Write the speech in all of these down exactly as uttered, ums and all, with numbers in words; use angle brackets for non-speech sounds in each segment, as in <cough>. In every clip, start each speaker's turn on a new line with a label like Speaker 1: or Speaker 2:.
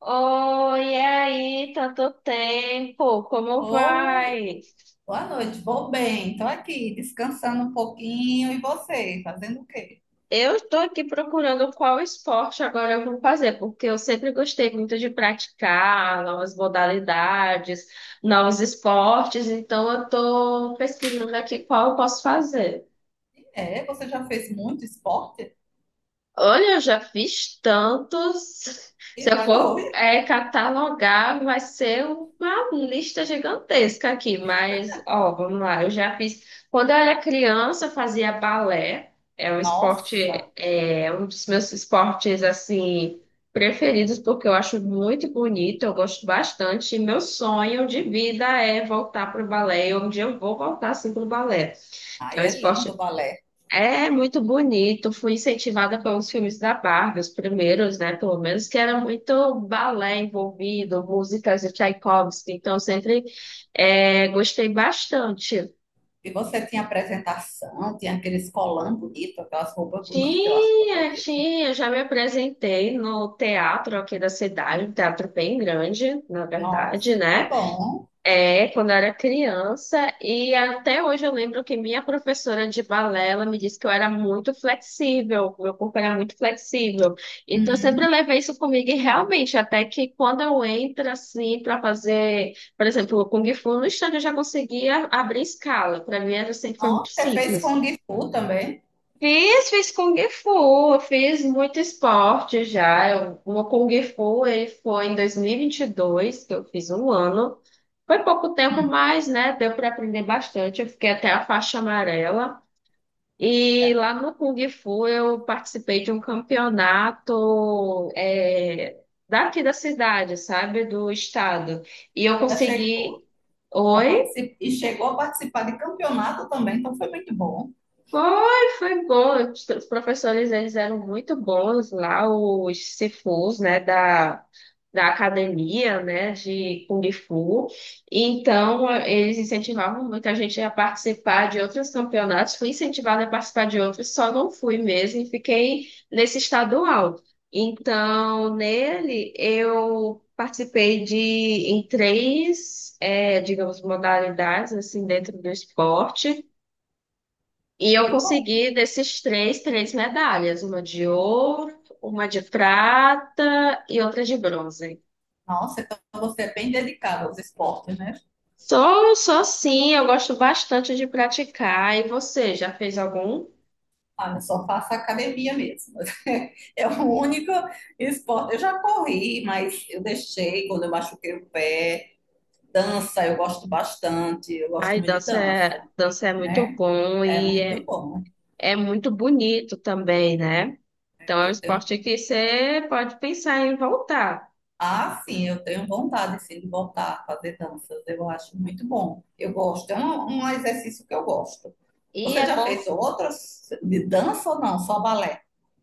Speaker 1: Oi, e aí, tanto tempo, como
Speaker 2: Oi,
Speaker 1: vai?
Speaker 2: boa noite, vou bem, tô aqui descansando um pouquinho. E você, fazendo o quê?
Speaker 1: Eu estou aqui procurando qual esporte agora eu vou fazer, porque eu sempre gostei muito de praticar novas modalidades, novos esportes, então eu estou pesquisando aqui qual eu posso fazer.
Speaker 2: É, você já fez muito esporte?
Speaker 1: Olha, eu já fiz tantos. <laughs>
Speaker 2: E
Speaker 1: Se eu for
Speaker 2: foi?
Speaker 1: é, catalogar, vai ser uma lista gigantesca aqui. Mas, ó, vamos lá. Eu já fiz. Quando eu era criança, eu fazia balé. É um esporte,
Speaker 2: Nossa,
Speaker 1: é um dos meus esportes, assim, preferidos, porque eu acho muito bonito. Eu gosto bastante. E meu sonho de vida é voltar para o balé. E um dia eu vou voltar, assim, para o balé. É
Speaker 2: aí
Speaker 1: um
Speaker 2: é lindo
Speaker 1: esporte
Speaker 2: o balé.
Speaker 1: é muito bonito. Fui incentivada pelos filmes da Barbie, os primeiros, né? Pelo menos, que era muito balé envolvido, músicas de Tchaikovsky. Então, eu sempre é, gostei bastante.
Speaker 2: E você tinha apresentação, tinha aqueles colãs bonitos, aquelas roupas bonitas, eu acho tão
Speaker 1: Tinha,
Speaker 2: bonito.
Speaker 1: tinha. Já me apresentei no teatro aqui da cidade, um teatro bem grande, na verdade,
Speaker 2: Nossa, que
Speaker 1: né?
Speaker 2: bom.
Speaker 1: É, quando eu era criança, e até hoje eu lembro que minha professora de balé, ela me disse que eu era muito flexível, meu corpo era muito flexível. Então, eu
Speaker 2: Hum.
Speaker 1: sempre levei isso comigo, e realmente, até que quando eu entro assim para fazer, por exemplo, o Kung Fu no estande, eu já conseguia abrir escala. Para mim, era sempre foi muito
Speaker 2: Nossa, você fez
Speaker 1: simples.
Speaker 2: Kung Fu também?
Speaker 1: Fiz, fiz Kung Fu, eu fiz muito esporte já. Eu- Uma Kung Fu eh, foi em dois mil e e vinte e dois que eu fiz um ano. Foi pouco tempo,
Speaker 2: Hum,
Speaker 1: mas né, deu para aprender bastante. Eu fiquei até a faixa amarela.
Speaker 2: já,
Speaker 1: E lá no Kung Fu eu participei de um campeonato eh, daqui da cidade, sabe? Do estado. E eu
Speaker 2: já chegou
Speaker 1: consegui.
Speaker 2: a
Speaker 1: Oi?
Speaker 2: participar, e chegou a participar de campeonato também, então foi muito bom.
Speaker 1: Foi, foi bom. Os os professores, eles eram muito bons lá, os Sifus, né, da, da academia, né, de Kung Fu. Então, eh, eles incentivavam muito a gente a participar de outros campeonatos. Fui incentivada a participar de outros, só não fui mesmo e fiquei nesse estadual. Então, nele, eu participei de, em três, eh, digamos, modalidades, assim, dentro do esporte. E eu
Speaker 2: Que bom.
Speaker 1: consegui desses três, três medalhas, uma de ouro, uma de prata e outra de bronze.
Speaker 2: Nossa, então você é bem dedicado aos esportes, né?
Speaker 1: Só, só sim, eu gosto bastante de praticar. E você, já fez algum?
Speaker 2: Ah, eu só faço academia mesmo. <laughs> É o único esporte. Eu já corri, mas eu deixei quando eu machuquei o pé. Dança, eu gosto bastante. Eu gosto
Speaker 1: Ai,
Speaker 2: muito de
Speaker 1: dança
Speaker 2: dança,
Speaker 1: é, dança é muito
Speaker 2: né?
Speaker 1: bom
Speaker 2: É
Speaker 1: e
Speaker 2: muito
Speaker 1: é,
Speaker 2: bom.
Speaker 1: é muito bonito também, né? Então é um
Speaker 2: Eu tenho,
Speaker 1: esporte que você pode pensar em voltar.
Speaker 2: ah, sim, eu tenho vontade, sim, de voltar a fazer danças. Eu acho muito bom. Eu gosto. É um, um exercício que eu gosto.
Speaker 1: E
Speaker 2: Você
Speaker 1: é
Speaker 2: já
Speaker 1: bom.
Speaker 2: fez outras de dança ou não? Só balé?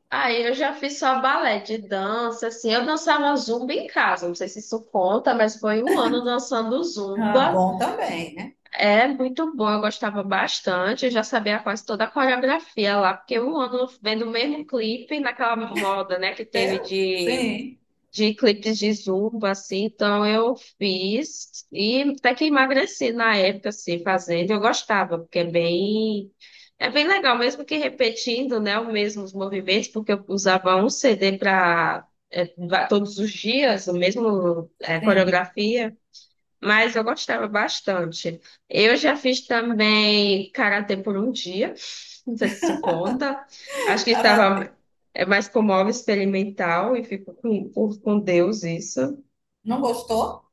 Speaker 1: Aí eu já fiz só balé de dança, assim. Eu dançava zumba em casa, não sei se isso conta, mas foi um ano dançando
Speaker 2: Ah,
Speaker 1: zumba.
Speaker 2: bom também, né?
Speaker 1: É muito bom, eu gostava bastante. Eu já sabia quase toda a coreografia lá, porque um ano vendo o mesmo clipe naquela moda, né, que teve
Speaker 2: Deus,
Speaker 1: de
Speaker 2: sim.
Speaker 1: de clipes de zumba, assim, então eu fiz e até que emagreci na época, assim, fazendo, eu gostava, porque é bem, é bem legal, mesmo que repetindo, né, os mesmos movimentos, porque eu usava um C D para todos os dias, o mesmo é,
Speaker 2: Sim,
Speaker 1: coreografia, mas eu gostava bastante. Eu já fiz também karatê por um dia. Não sei se isso conta. Acho que
Speaker 2: Karatê.
Speaker 1: estava é mais como algo experimental e fico com, com com Deus isso.
Speaker 2: Não gostou?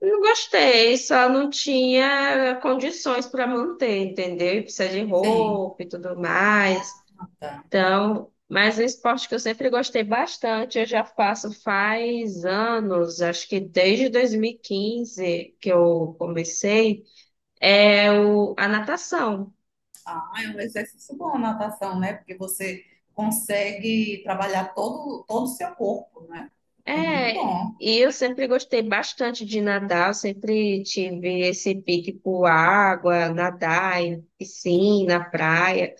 Speaker 1: Não gostei, só não tinha condições para manter, entendeu? E precisa de
Speaker 2: Sim.
Speaker 1: roupa e tudo mais.
Speaker 2: Ah, tá.
Speaker 1: Então, mas é um esporte que eu sempre gostei bastante, eu já faço faz anos, acho que desde dois mil e quinze que eu comecei. É o, a natação.
Speaker 2: Ah, é um exercício bom a natação, né? Porque você consegue trabalhar todo, todo o seu corpo, né? É muito
Speaker 1: É,
Speaker 2: bom.
Speaker 1: e eu sempre gostei bastante de nadar, eu sempre tive esse pique por água, nadar em piscina, praia.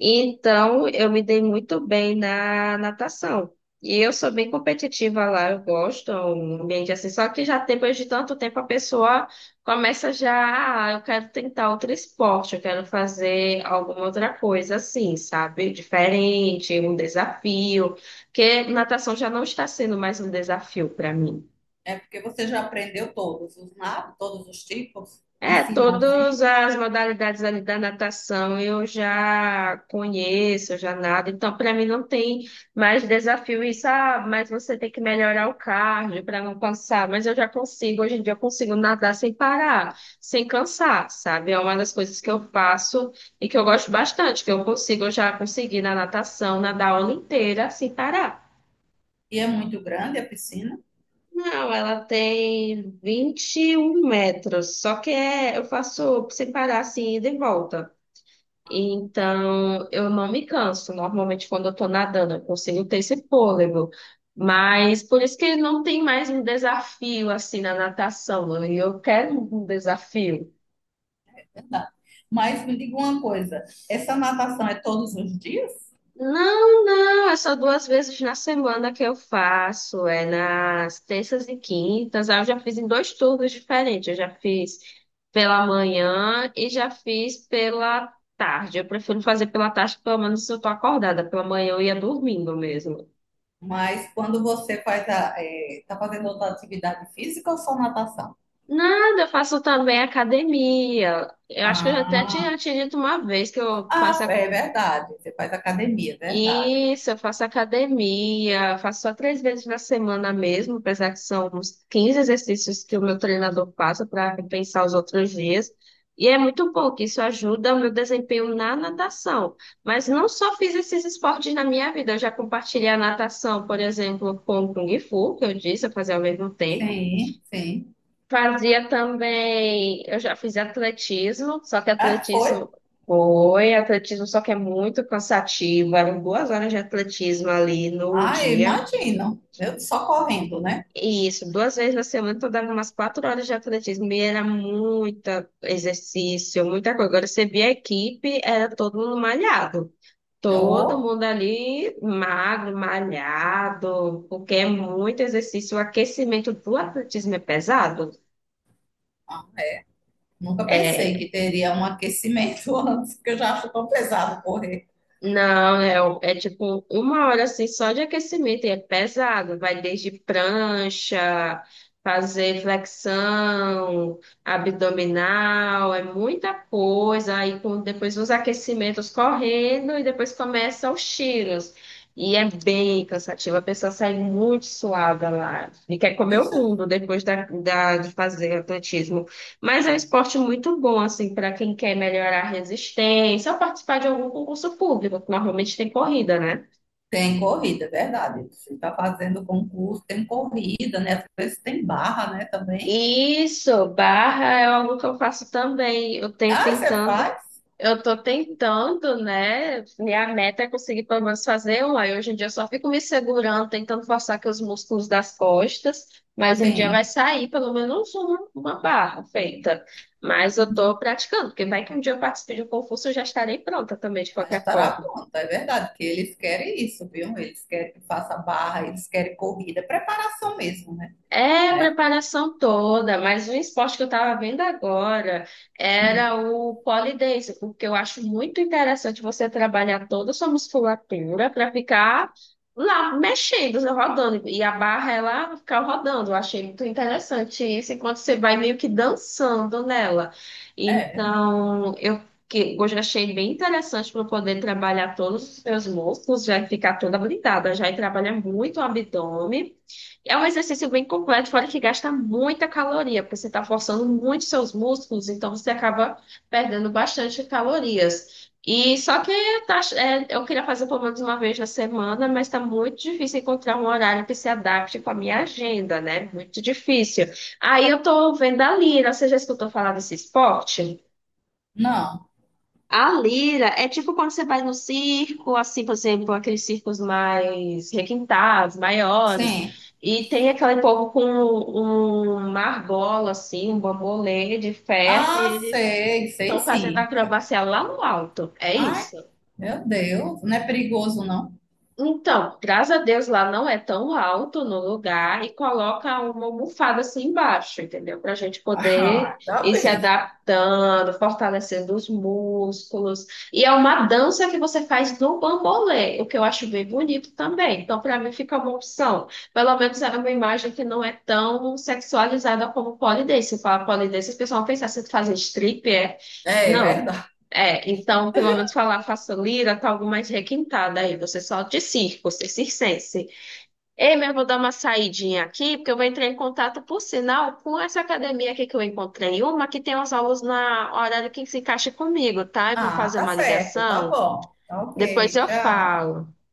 Speaker 1: Então, eu me dei muito bem na natação. E eu sou bem competitiva lá, eu gosto, é um ambiente assim. Só que já depois de tanto tempo a pessoa começa já, ah, eu quero tentar outro esporte, eu quero fazer alguma outra coisa assim, sabe? Diferente, um desafio. Porque natação já não está sendo mais um desafio para mim.
Speaker 2: É porque você já aprendeu todos os nados, todos os tipos,
Speaker 1: É,
Speaker 2: ensina
Speaker 1: todas
Speaker 2: assim.
Speaker 1: as modalidades ali da natação eu já conheço, eu já nado, então para mim não tem mais desafio isso, ah, mas você tem que melhorar o cardio para não cansar, mas eu já consigo, hoje em dia eu consigo nadar sem parar, sem cansar, sabe? É uma das coisas que eu faço e que eu gosto bastante, que eu consigo, eu já consegui na natação, nadar a aula inteira sem parar.
Speaker 2: E é muito grande a piscina,
Speaker 1: Não, ela tem vinte e um metros, só que é, eu faço sem parar assim, ida e volta. Então, eu não me canso. Normalmente, quando eu tô nadando, eu consigo ter esse fôlego. Mas por isso que não tem mais um desafio assim na natação. Né? E eu quero um desafio.
Speaker 2: é verdade. Mas me diga uma coisa, essa natação é todos os dias?
Speaker 1: Não, não, é só duas vezes na semana que eu faço. É nas terças e quintas. Aí eu já fiz em dois turnos diferentes. Eu já fiz pela manhã e já fiz pela tarde. Eu prefiro fazer pela tarde, pelo menos se eu tô acordada. Pela manhã eu ia dormindo mesmo.
Speaker 2: Mas quando você faz a, é, tá fazendo outra atividade física ou só natação?
Speaker 1: Nada, eu faço também academia. Eu acho que eu já até
Speaker 2: Ah,
Speaker 1: tinha te dito uma vez que eu faço
Speaker 2: ah,
Speaker 1: a-
Speaker 2: é verdade. Você faz academia, é verdade.
Speaker 1: isso, eu faço academia, faço só três vezes na semana mesmo, apesar que são uns quinze exercícios que o meu treinador passa para compensar os outros dias. E é muito bom que isso ajuda o meu desempenho na natação. Mas não só fiz esses esportes na minha vida, eu já compartilhei a natação, por exemplo, com o Kung Fu, que eu disse, eu fazia ao mesmo tempo.
Speaker 2: Sim, sim.
Speaker 1: Fazia também, eu já fiz atletismo, só que
Speaker 2: É,
Speaker 1: atletismo
Speaker 2: foi?
Speaker 1: foi, atletismo só que é muito cansativo, eram duas horas de atletismo ali no
Speaker 2: Ah, eu
Speaker 1: dia.
Speaker 2: imagino. Eu só correndo, né?
Speaker 1: E isso, duas vezes na semana eu dava umas quatro horas de atletismo e era muito exercício, muita coisa. Agora você via a equipe, era todo mundo malhado. Todo
Speaker 2: Oh,
Speaker 1: mundo ali magro, malhado, porque é muito exercício. O aquecimento do atletismo é pesado.
Speaker 2: ah, nunca pensei
Speaker 1: É,
Speaker 2: que teria um aquecimento <laughs> antes, porque eu já acho tão pesado correr.
Speaker 1: não, é, o- é tipo uma hora assim só de aquecimento, e é pesado, vai desde prancha, fazer flexão, abdominal, é muita coisa, aí com, depois uns aquecimentos correndo e depois começam os tiros. E é bem cansativo, a pessoa sai muito suada lá e quer comer o mundo depois da, da- de fazer atletismo. Mas é um esporte muito bom, assim, para quem quer melhorar a resistência ou participar de algum concurso público, que normalmente tem corrida, né?
Speaker 2: Tem corrida, é verdade. Você está fazendo concurso, tem corrida, né? Às vezes tem barra, né? Também.
Speaker 1: Isso, barra é algo que eu faço também. Eu tenho
Speaker 2: Ah, você
Speaker 1: tentando,
Speaker 2: faz?
Speaker 1: eu tô tentando, né? Minha meta é conseguir pelo menos fazer um. Aí hoje em dia eu só fico me segurando, tentando forçar aqui os músculos das costas, mas um dia vai
Speaker 2: Sim,
Speaker 1: sair pelo menos uma, uma barra feita. Mas eu tô praticando, porque vai que um dia eu participe de um concurso, eu já estarei pronta também, de qualquer
Speaker 2: estará
Speaker 1: forma.
Speaker 2: pronto é verdade, que eles querem isso, viu? Eles querem que faça barra, eles querem corrida, preparação mesmo, né?
Speaker 1: É, a
Speaker 2: É,
Speaker 1: preparação toda, mas um esporte que eu estava vendo agora era
Speaker 2: hum,
Speaker 1: o pole dance, porque eu acho muito interessante você trabalhar toda a sua musculatura para ficar lá mexendo, rodando, e a barra ela ficar rodando. Eu achei muito interessante isso, enquanto você vai meio que dançando nela.
Speaker 2: é,
Speaker 1: Então, eu que eu já achei bem interessante para poder trabalhar todos os meus músculos, já ficar toda habilitada, já e trabalha muito o abdômen. É um exercício bem completo, fora que gasta muita caloria, porque você está forçando muito seus músculos, então você acaba perdendo bastante calorias. E só que tá- é, eu queria fazer pelo menos uma vez na semana, mas está muito difícil encontrar um horário que se adapte com a minha agenda, né? Muito difícil. Aí eu estou vendo a Lira, você já escutou falar desse esporte?
Speaker 2: não,
Speaker 1: A lira é tipo quando você vai no circo, assim, por exemplo, aqueles circos mais requintados, maiores,
Speaker 2: sim.
Speaker 1: e tem aquele povo com um- uma argola, assim, um bambolê de ferro, e
Speaker 2: Ah,
Speaker 1: eles
Speaker 2: sei, sei
Speaker 1: estão fazendo
Speaker 2: sim.
Speaker 1: acrobacia lá no alto. É
Speaker 2: Ai,
Speaker 1: isso?
Speaker 2: meu Deus, não é perigoso, não?
Speaker 1: Então, graças a Deus lá não é tão alto no lugar e coloca uma almofada assim embaixo, entendeu? Para a gente
Speaker 2: <laughs>
Speaker 1: poder
Speaker 2: Ah, tá
Speaker 1: ir se
Speaker 2: bem.
Speaker 1: adaptando, fortalecendo os músculos. E é uma dança que você faz no bambolê, o que eu acho bem bonito também. Então, para mim, fica uma opção. Pelo menos é uma imagem que não é tão sexualizada como pole dance. Se fala pole dance, o pessoal pensa assim, fazer strip, é.
Speaker 2: É, é
Speaker 1: Não.
Speaker 2: verdade.
Speaker 1: É, então, pelo menos falar faço lira, tá algo mais requintada aí. Você só de circo, você circense. Ei, mas eu vou dar uma saidinha aqui, porque eu vou entrar em contato, por sinal, com essa academia aqui que eu encontrei. Uma que tem as aulas na hora que se encaixa comigo, tá? Eu vou
Speaker 2: Ah,
Speaker 1: fazer
Speaker 2: tá
Speaker 1: uma
Speaker 2: certo, tá
Speaker 1: ligação,
Speaker 2: bom. Tá
Speaker 1: depois
Speaker 2: ok,
Speaker 1: eu
Speaker 2: tchau.
Speaker 1: falo.